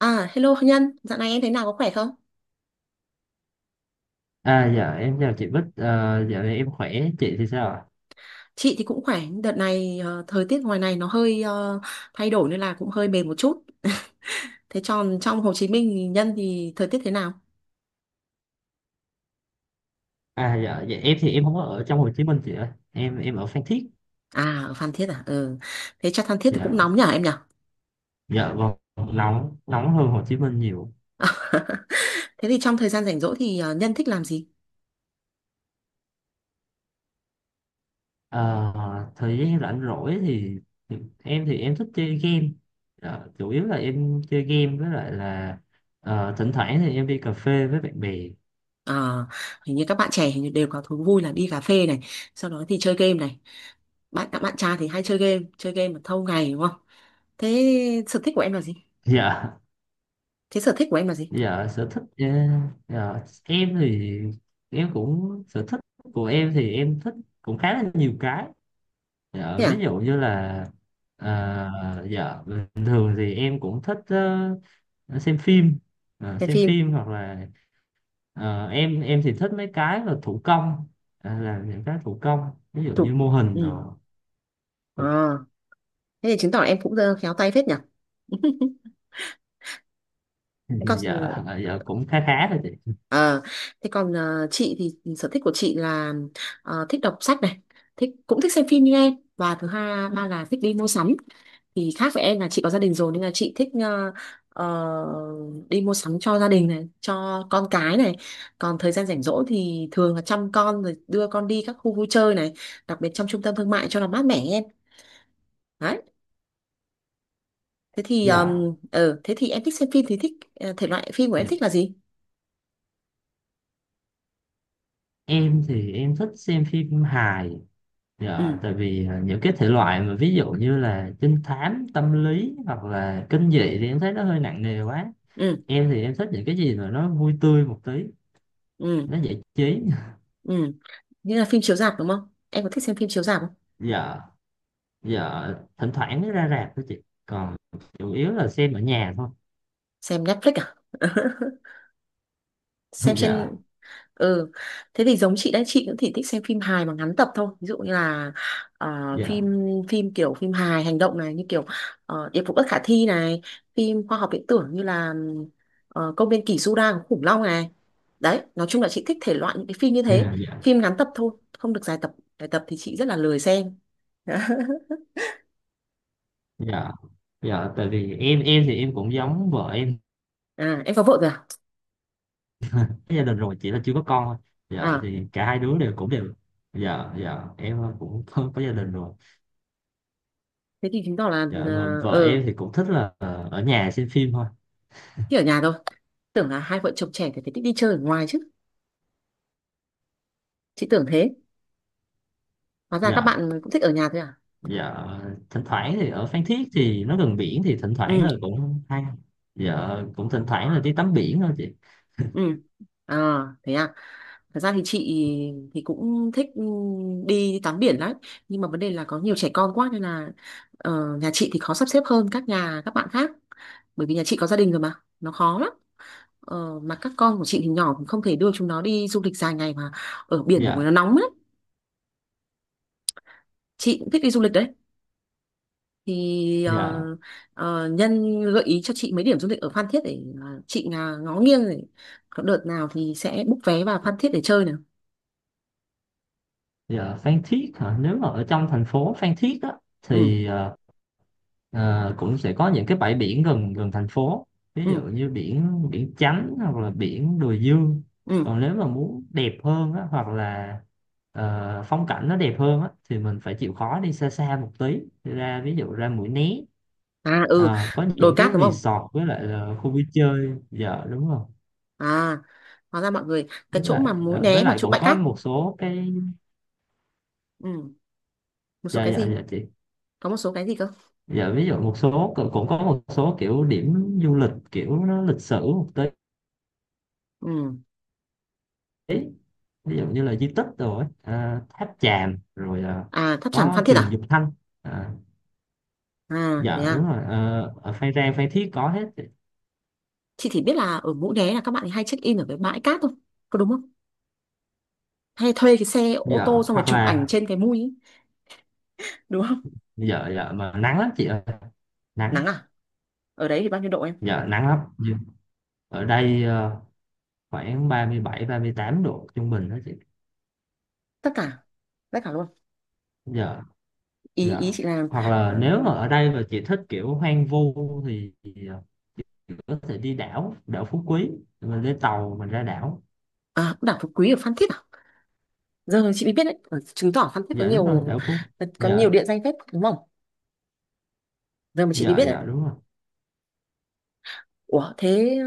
À, hello Nhân, dạo này em thế nào có khỏe không? Dạ em chào chị Bích, dạo này em khỏe, chị thì sao ạ? Chị thì cũng khỏe, đợt này thời tiết ngoài này nó hơi thay đổi nên là cũng hơi mệt một chút. Thế tròn trong Hồ Chí Minh thì Nhân thì thời tiết thế nào? Dạ em thì em không có ở trong Hồ Chí Minh chị ơi, em ở Phan Thiết. À, ở Phan Thiết à? Ừ. Thế chắc Phan Thiết thì cũng dạ, nóng nhở em nhở? dạ vâng, nóng, nóng hơn Hồ Chí Minh nhiều. Thế thì trong thời gian rảnh rỗi thì Nhân thích làm gì? À, thời gian rảnh rỗi thì, thì em thì em thích chơi game. Dạ, chủ yếu là em chơi game với lại là thỉnh thoảng thì em đi cà phê với bạn bè. Ờ, hình như các bạn trẻ hình như đều có thú vui là đi cà phê này, sau đó thì chơi game này. Bạn các bạn trai thì hay chơi game mà thâu ngày đúng không? Thế sở thích của em là gì? dạ, Thế sở thích của em là gì? dạ sở thích, dạ, em thì em cũng sở thích, của em thì em thích cũng khá là nhiều cái. Dạ, Thế ví à? dụ như là dạ bình thường thì em cũng thích ờ, xem phim. Xem Xem phim. phim hoặc là em thì thích mấy cái là thủ công, là những cái thủ công ví dụ Chụp. như mô hình Ừ. rồi. À, thế thì chứng tỏ là em cũng khéo tay phết nhỉ. Thế còn Dạ, dạ cũng khá khá thôi chị. ờ, chị thì sở thích của chị là thích đọc sách này, thích cũng thích xem phim như em và thứ hai ba là thích đi mua sắm. Thì khác với em là chị có gia đình rồi nên là chị thích đi mua sắm cho gia đình này, cho con cái này. Còn thời gian rảnh rỗi thì thường là chăm con rồi đưa con đi các khu vui chơi này, đặc biệt trong trung tâm thương mại cho nó mát mẻ em. Đấy. Thế thì Dạ em thích xem phim thì thích thể loại phim của em dạ. thích là gì. Em thì em thích xem phim hài. Ừ, Dạ tại vì những cái thể loại mà ví dụ như là trinh thám tâm lý hoặc là kinh dị thì em thấy nó hơi nặng nề quá. ừ, Em thì em thích những cái gì mà nó vui tươi một tí, ừ, nó giải trí. ừ. Như là phim chiếu rạp đúng không, em có thích xem phim chiếu rạp không? dạ dạ thỉnh thoảng mới ra rạp thôi chị, còn chủ yếu là xem ở nhà thôi. Xem Netflix à? Xem dạ trên. Ừ. Thế thì giống chị đấy, chị cũng thì thích xem phim hài mà ngắn tập thôi, ví dụ như là ờ, dạ phim phim kiểu phim hài hành động này, như kiểu Điệp vụ bất khả thi này, phim khoa học viễn tưởng như là công viên kỷ Su Đa của khủng long này. Đấy nói chung là chị thích thể loại những cái phim như thế, dạ dạ phim ngắn tập thôi, không được dài tập, dài tập thì chị rất là lười xem. dạ dạ Tại vì em thì em cũng giống vợ em, À em có vợ rồi à? có gia đình rồi chỉ là chưa có con thôi. Dạ À thì cả hai đứa đều cũng đều, dạ dạ em cũng có gia đình rồi. thế thì chứng tỏ là Dạ mà vợ em thì cũng thích là ở nhà xem phim thôi. thích ở nhà thôi. Tưởng là hai vợ chồng trẻ thì phải thích đi chơi ở ngoài chứ, chị tưởng thế, hóa ra các dạ bạn cũng thích ở nhà thôi à? dạ thỉnh thoảng thì ở Phan Thiết thì nó gần biển thì thỉnh thoảng Ừ, là cũng hay, dạ cũng thỉnh thoảng là đi tắm biển thôi chị. ừ. À thế à? Thật ra thì chị thì cũng thích, ừ, đi tắm biển lắm nhưng mà vấn đề là có nhiều trẻ con quá nên là nhà chị thì khó sắp xếp hơn các nhà các bạn khác, bởi vì nhà chị có gia đình rồi mà, nó khó lắm. Ờ, mà các con của chị thì nhỏ cũng không thể đưa chúng nó đi du lịch dài ngày mà ở biển thì dạ nó nóng lắm. Chị cũng thích đi du lịch đấy, thì dạ Nhân gợi ý cho chị mấy điểm du lịch ở Phan Thiết để chị à, ngó nghiêng để có đợt nào thì sẽ book vé vào Phan Thiết để chơi nào. dạ Phan Thiết hả, nếu mà ở trong thành phố Phan Thiết á Ừ, thì Ờ, cũng sẽ có những cái bãi biển gần gần thành phố, ví ừ, dụ như biển biển Chánh hoặc là biển Đùi Dương. ừ. Còn nếu mà muốn đẹp hơn á, hoặc là phong cảnh nó đẹp hơn á, thì mình phải chịu khó đi xa xa một tí, ra ví dụ ra Mũi Né. À, ừ, Ờ, có đồi những cái cát đúng không? resort với lại là khu vui chơi. Dạ đúng rồi, À, hóa ra mọi người cái với chỗ lại mà Mũi với Né mà lại chỗ cũng bãi có cát. một số cái. Ừ, một số dạ cái dạ gì? dạ chị, Có một số cái gì cơ? dạ ví dụ một số, cũng cũng có một số kiểu điểm du lịch kiểu nó lịch sử một Ừ. tí, ví dụ như là di tích rồi, tháp Chàm rồi, À, tháp chảm có Phan Thiết trường à? Dục Thanh. à, À thế dạ đúng à? rồi, ở Phan Rang Phan Thiết có hết. Chị chỉ biết là ở Mũi Né là các bạn ấy hay check in ở cái bãi cát thôi, có đúng không, hay thuê cái xe ô Dạ tô xong rồi hoặc chụp ảnh là, trên cái mui ấy, đúng không? dạ dạ mà nắng lắm chị ơi, nắng. Nắng à? Ở đấy thì bao nhiêu độ em? Dạ nắng lắm. Nhưng ở đây khoảng 37 38 độ trung bình đó chị. Tất cả, tất cả luôn, dạ ý ý dạ chị là hoặc là ờ, nếu mà ở đây mà chị thích kiểu hoang vu thì có thể đi đảo, đảo Phú Quý, mình lên tàu mình ra đảo. à đảo Phú Quý ở Phan Thiết à? Giờ chị mới biết đấy. Ờ, chứng tỏ Phan Thiết có Dạ đúng rồi, nhiều, đảo Phú. có nhiều dạ địa danh phết đúng không? Giờ mà chị mới dạ biết đấy. dạ đúng rồi. Ủa thế ờ,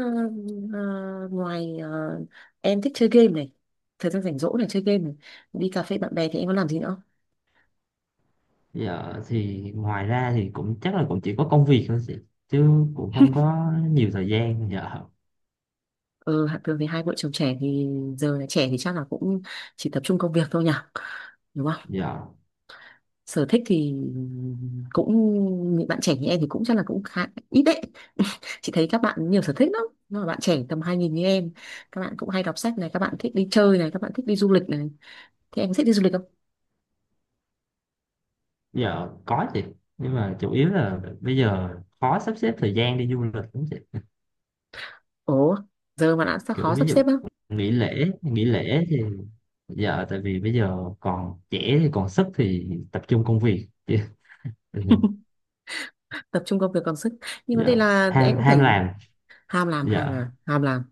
ờ, ngoài em thích chơi game này, thời gian rảnh rỗi này chơi game này, đi cà phê bạn bè thì em có làm gì nữa? Giờ thì ngoài ra thì cũng chắc là cũng chỉ có công việc thôi chị, chứ cũng không có nhiều thời gian giờ Ừ, hạt thường thì hai vợ chồng trẻ thì giờ là trẻ thì chắc là cũng chỉ tập trung công việc thôi nhỉ, đúng không? giờ Sở thích thì cũng những bạn trẻ như em thì cũng chắc là cũng khá ít đấy. Chị thấy các bạn nhiều sở thích lắm, nhưng mà bạn trẻ tầm 2000 như em, các bạn cũng hay đọc sách này, các bạn thích đi chơi này, các bạn thích đi du lịch này. Thì em có thích đi du lịch không? Giờ có chị, nhưng mà chủ yếu là bây giờ khó sắp xếp thời gian đi du lịch lắm chị. Ủa, giờ mà đã sao khó Kiểu ví sắp dụ, xếp á? nghỉ lễ thì giờ tại vì bây giờ còn trẻ thì còn sức thì tập trung công việc. Tập trung công việc còn sức, nhưng vấn Dạ, đề là em ham cũng ham phải làm. ham làm, dạ ham làm, ham làm.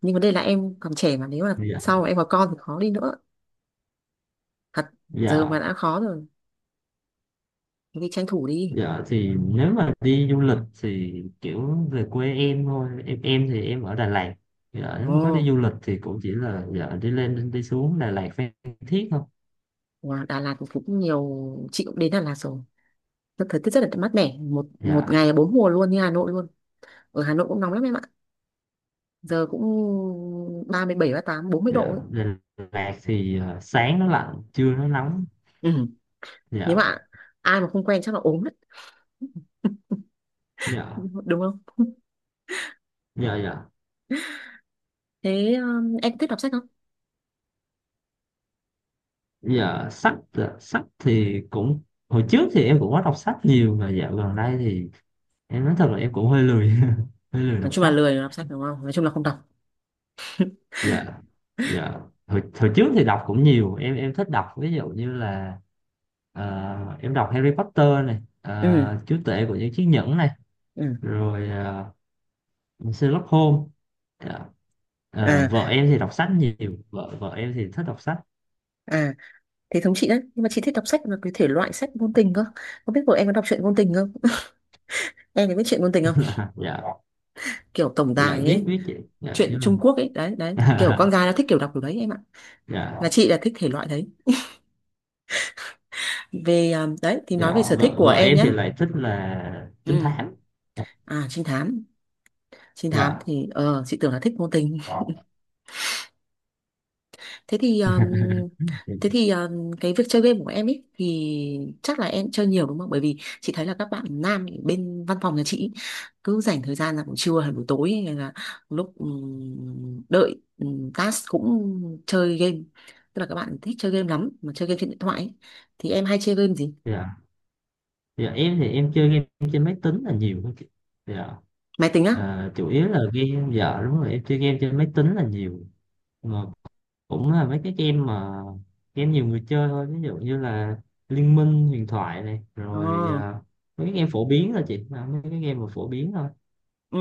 Nhưng vấn đề là em còn trẻ mà nếu mà dạ sau mà em có con thì khó đi nữa thật. Giờ mà dạ đã khó rồi thì tranh thủ đi. Dạ thì nếu mà đi du lịch thì kiểu về quê em thôi, em thì em ở Đà Lạt. Dạ nếu Ồ, mà có đi du lịch thì cũng chỉ là dạ đi lên đi xuống Đà Lạt Phan Thiết thôi. wow, Đà Lạt thì cũng nhiều, chị cũng đến Đà Lạt rồi. Rất- thời tiết rất là mát mẻ, một một dạ ngày bốn mùa luôn, như Hà Nội luôn. Ở Hà Nội cũng nóng lắm em ạ, giờ cũng 37 38 40 độ dạ ấy. Đà Lạt thì sáng nó lạnh, trưa nó nóng. Ừ. Nếu mà dạ ai mà không quen chắc là ốm đấy, dạ đúng không? dạ dạ Thế em thích đọc sách. Dạ sách, sách thì cũng, hồi trước thì em cũng có đọc sách nhiều mà dạo gần đây thì em nói thật là em cũng hơi lười, hơi lười Nói đọc chung là sách. lười đọc sách đúng không? Nói chung là không đọc. Dạ dạ Hồi, hồi trước thì đọc cũng nhiều, em thích đọc ví dụ như là em đọc Harry Potter này, Ừ, Chúa tể của những chiếc nhẫn này, ừ. rồi Sherlock Holmes. Dạ, À, vợ em thì đọc sách nhiều, vợ vợ em thì thích đọc sách. à thế thống chị đấy, nhưng mà chị thích đọc sách là cái thể loại sách ngôn tình cơ, không biết của em có đọc truyện ngôn tình không? Em có biết truyện ngôn tình không? Dạ, Kiểu tổng dạ tài biết, ấy, biết chị. Dạ truyện nhưng mà, Trung Quốc ấy, đấy đấy kiểu con gái nó thích kiểu đọc kiểu đấy em ạ, là dạ. chị là thích thể loại đấy. Về à, đấy thì nói về dạ sở thích vợ của vợ em em nhé. thì lại thích là trinh Ừ, thám. à trinh thám. Trinh thám dạ thì ờ chị tưởng là thích ngôn tình. Thế thì cái việc chơi game của em ấy thì chắc là em chơi nhiều đúng không? Bởi vì chị thấy là các bạn nam ở bên văn phòng nhà chị ý, cứ dành thời gian là buổi trưa hay buổi tối hay là lúc đợi task cũng chơi game. Tức là các bạn thích chơi game lắm mà chơi game trên điện thoại ấy. Thì em hay chơi game gì? dạ dạ Em thì em chơi game trên máy tính là nhiều hơn chị. Dạ, Máy tính á? Chủ yếu là game, dạ đúng rồi, em chơi game trên máy tính là nhiều, mà cũng là mấy cái game mà game nhiều người chơi thôi, ví dụ như là Liên Minh huyền thoại này, rồi Ờ. Mấy cái game phổ biến thôi chị. Ờ, Mấy cái game mà phổ biến thôi. Ừ.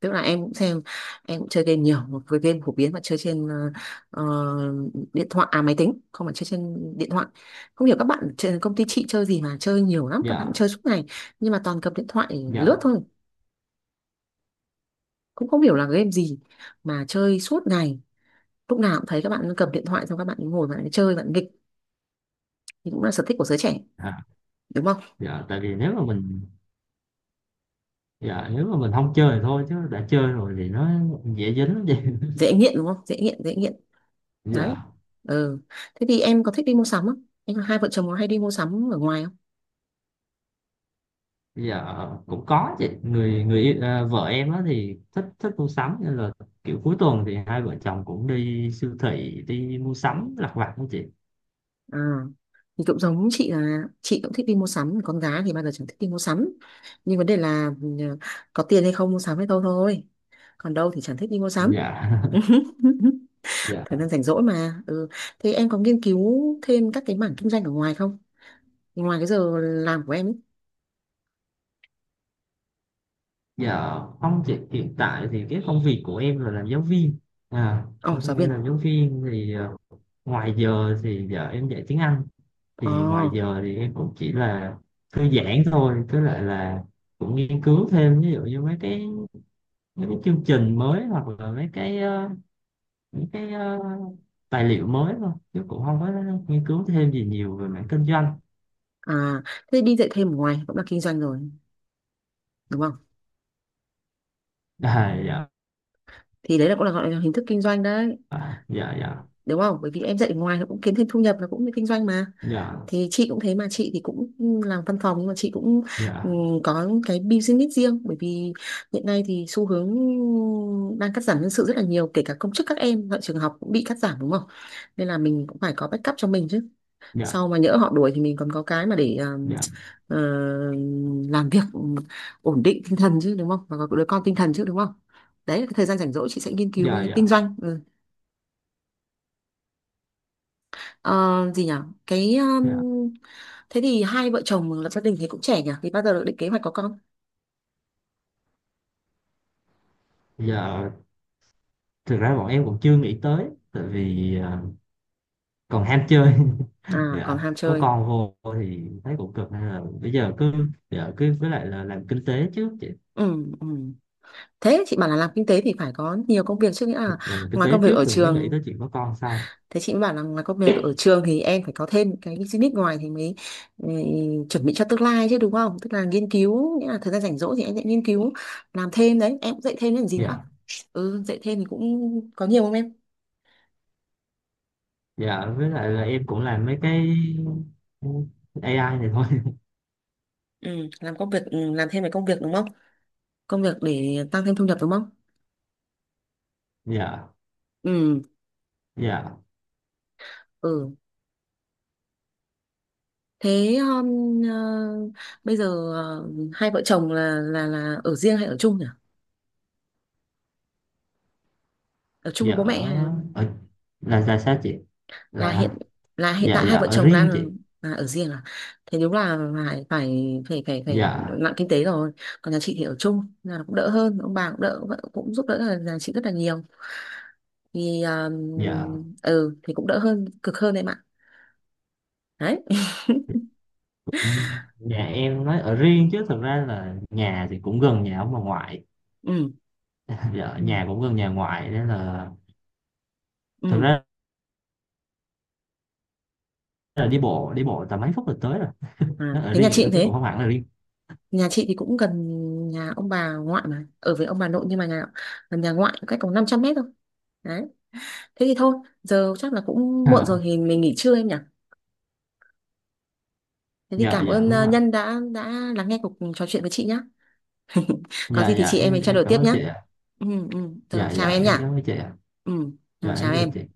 Tức là em cũng xem, em cũng chơi game nhiều một cái game phổ biến mà chơi trên ờ, điện thoại à, máy tính không phải chơi trên điện thoại. Không hiểu các bạn trên công ty chị chơi gì mà chơi nhiều lắm, các bạn dạ chơi suốt ngày nhưng mà toàn cầm điện thoại lướt dạ thôi, cũng không hiểu là game gì mà chơi suốt ngày. Lúc nào cũng thấy các bạn cầm điện thoại xong các bạn ấy ngồi bạn ấy chơi bạn ấy nghịch, thì cũng là sở thích của giới trẻ à, đúng không. dạ tại vì nếu mà mình, dạ nếu mà mình không chơi thì thôi chứ đã chơi rồi thì nó dễ dính lắm chị. Dễ nghiện đúng không, dễ nghiện, dễ nghiện. Đấy. Dạ, Ừ. Thế thì em có thích đi mua sắm không, em hai vợ chồng có hay đi mua sắm ở ngoài không? bây giờ cũng có chị, người người yêu- à, vợ em á thì thích, thích mua sắm, nên là kiểu cuối tuần thì hai vợ chồng cũng đi siêu thị đi mua sắm lặt vặt đó chị. À, thì cũng giống chị là chị cũng thích đi mua sắm, con gái thì bao giờ chẳng thích đi mua sắm, nhưng vấn đề là ừ, có tiền hay không mua sắm hay đâu thôi, còn đâu thì chẳng thích đi mua sắm. Dạ. dạ Thời gian rảnh rỗi mà ừ. Thế em có nghiên cứu thêm các cái mảng kinh doanh ở ngoài không, ngoài cái giờ làm của em ấy? dạ không chị, hiện tại thì cái công việc của em là làm giáo viên. à Ồ giáo em viên. làm giáo viên thì, ngoài giờ thì giờ em dạy tiếng Anh, Ồ. thì ngoài giờ thì em cũng chỉ là thư giãn thôi, tức là cũng nghiên cứu thêm ví dụ như mấy cái chương trình mới, hoặc là mấy cái những cái ờ, tài liệu mới thôi, chứ cũng không có nghiên cứu thêm gì nhiều về mảng kinh doanh. À thế đi dạy thêm ở ngoài cũng là kinh doanh rồi, đúng không? Dạ. Thì đấy là cũng là gọi là hình thức kinh doanh đấy, à, dạ dạ đúng không, bởi vì em dạy ở ngoài nó cũng kiếm thêm thu nhập, nó cũng là kinh doanh mà. dạ Thì chị cũng thế mà, chị thì cũng làm văn phòng nhưng mà chị cũng dạ có cái business riêng, bởi vì hiện nay thì xu hướng đang cắt giảm nhân sự rất là nhiều, kể cả công chức các em tại trường học cũng bị cắt giảm đúng không, nên là mình cũng phải có backup cho mình chứ. Sau dạ mà nhỡ họ đuổi thì mình còn có cái mà để dạ ờ, làm việc, ổn định tinh thần chứ đúng không, và có đứa con tinh thần chứ đúng không. Đấy là cái thời gian rảnh rỗi chị sẽ nghiên cứu dạ cái dạ kinh doanh. Ừ. Ờ, gì nhỉ, cái dạ thế thì hai vợ chồng lập gia đình thì cũng trẻ nhỉ, thì bao giờ được định kế hoạch có con? dạ Thực ra bọn em cũng chưa nghĩ tới, tại vì còn ham chơi. À còn Dạ ham có chơi. con vô thì thấy cũng cực, nên là bây giờ cứ, dạ cứ với lại là làm kinh tế trước chị. Ừ, ừ. Thế chị bảo là làm kinh tế thì phải có nhiều công việc chứ, nghĩa Dạ, là làm kinh ngoài tế công việc trước ở rồi mới nghĩ trường, tới chuyện có con sau. thế chị mới bảo là ngoài công việc ở trường thì em phải có thêm cái business ngoài thì mới ừ, chuẩn bị cho tương lai chứ đúng không, tức là nghiên cứu, nghĩa là thời gian rảnh rỗi thì em sẽ nghiên cứu làm thêm đấy, em cũng dạy thêm làm gì nữa. dạ Ừ, dạy thêm thì cũng có nhiều không em? dạ với lại là em cũng làm mấy cái AI này thôi. Ừ làm công việc ừ, làm thêm về công việc đúng không, công việc để tăng thêm thu nhập đúng không. dạ Ừ. dạ Ừ. Thế bây giờ hai vợ chồng là ở riêng hay ở chung nhỉ, ở chung với dạ bố mẹ hay ở, ở là sao chị, là là, hiện, là hiện dạ tại dạ hai vợ ở chồng đang riêng chị. là ở riêng à? Thế đúng là phải phải phải phải phải dạ nặng kinh tế rồi. Còn nhà chị thì ở chung là cũng đỡ hơn, ông bà cũng đỡ, vợ cũng giúp đỡ là nhà chị rất là nhiều, thì dạ ừ thì cũng đỡ hơn cực hơn em ạ. Đấy. cũng, nhà em nói ở riêng chứ thực ra là nhà thì cũng gần nhà ông bà ngoại. Ừ, Dạ ừ, nhà cũng gần nhà ngoại nên là, thực ừ. ra là đi bộ tầm mấy phút là tới rồi, À, nó ở thế nhà riêng vậy chị thôi cũng chứ thế, cũng không hẳn là riêng. nhà chị thì cũng gần nhà ông bà ngoại mà ở với ông bà nội nhưng mà nhà gần nhà ngoại cách có 500 mét thôi. Đấy. Thế thì thôi, giờ chắc là cũng muộn rồi À, thì mình nghỉ trưa em nhỉ. Thế thì dạ, cảm dạ ơn đúng không ạ. Nhân đã lắng nghe cuộc trò chuyện với chị nhá. Có Dạ, gì thì dạ chị em mình trao em đổi cảm tiếp ơn nhá. chị ạ. Ừ, ừ. Giờ Dạ, chào dạ em nhỉ. em cảm ơn chị ạ. Ừ, Dạ rồi chào em chào chị. em.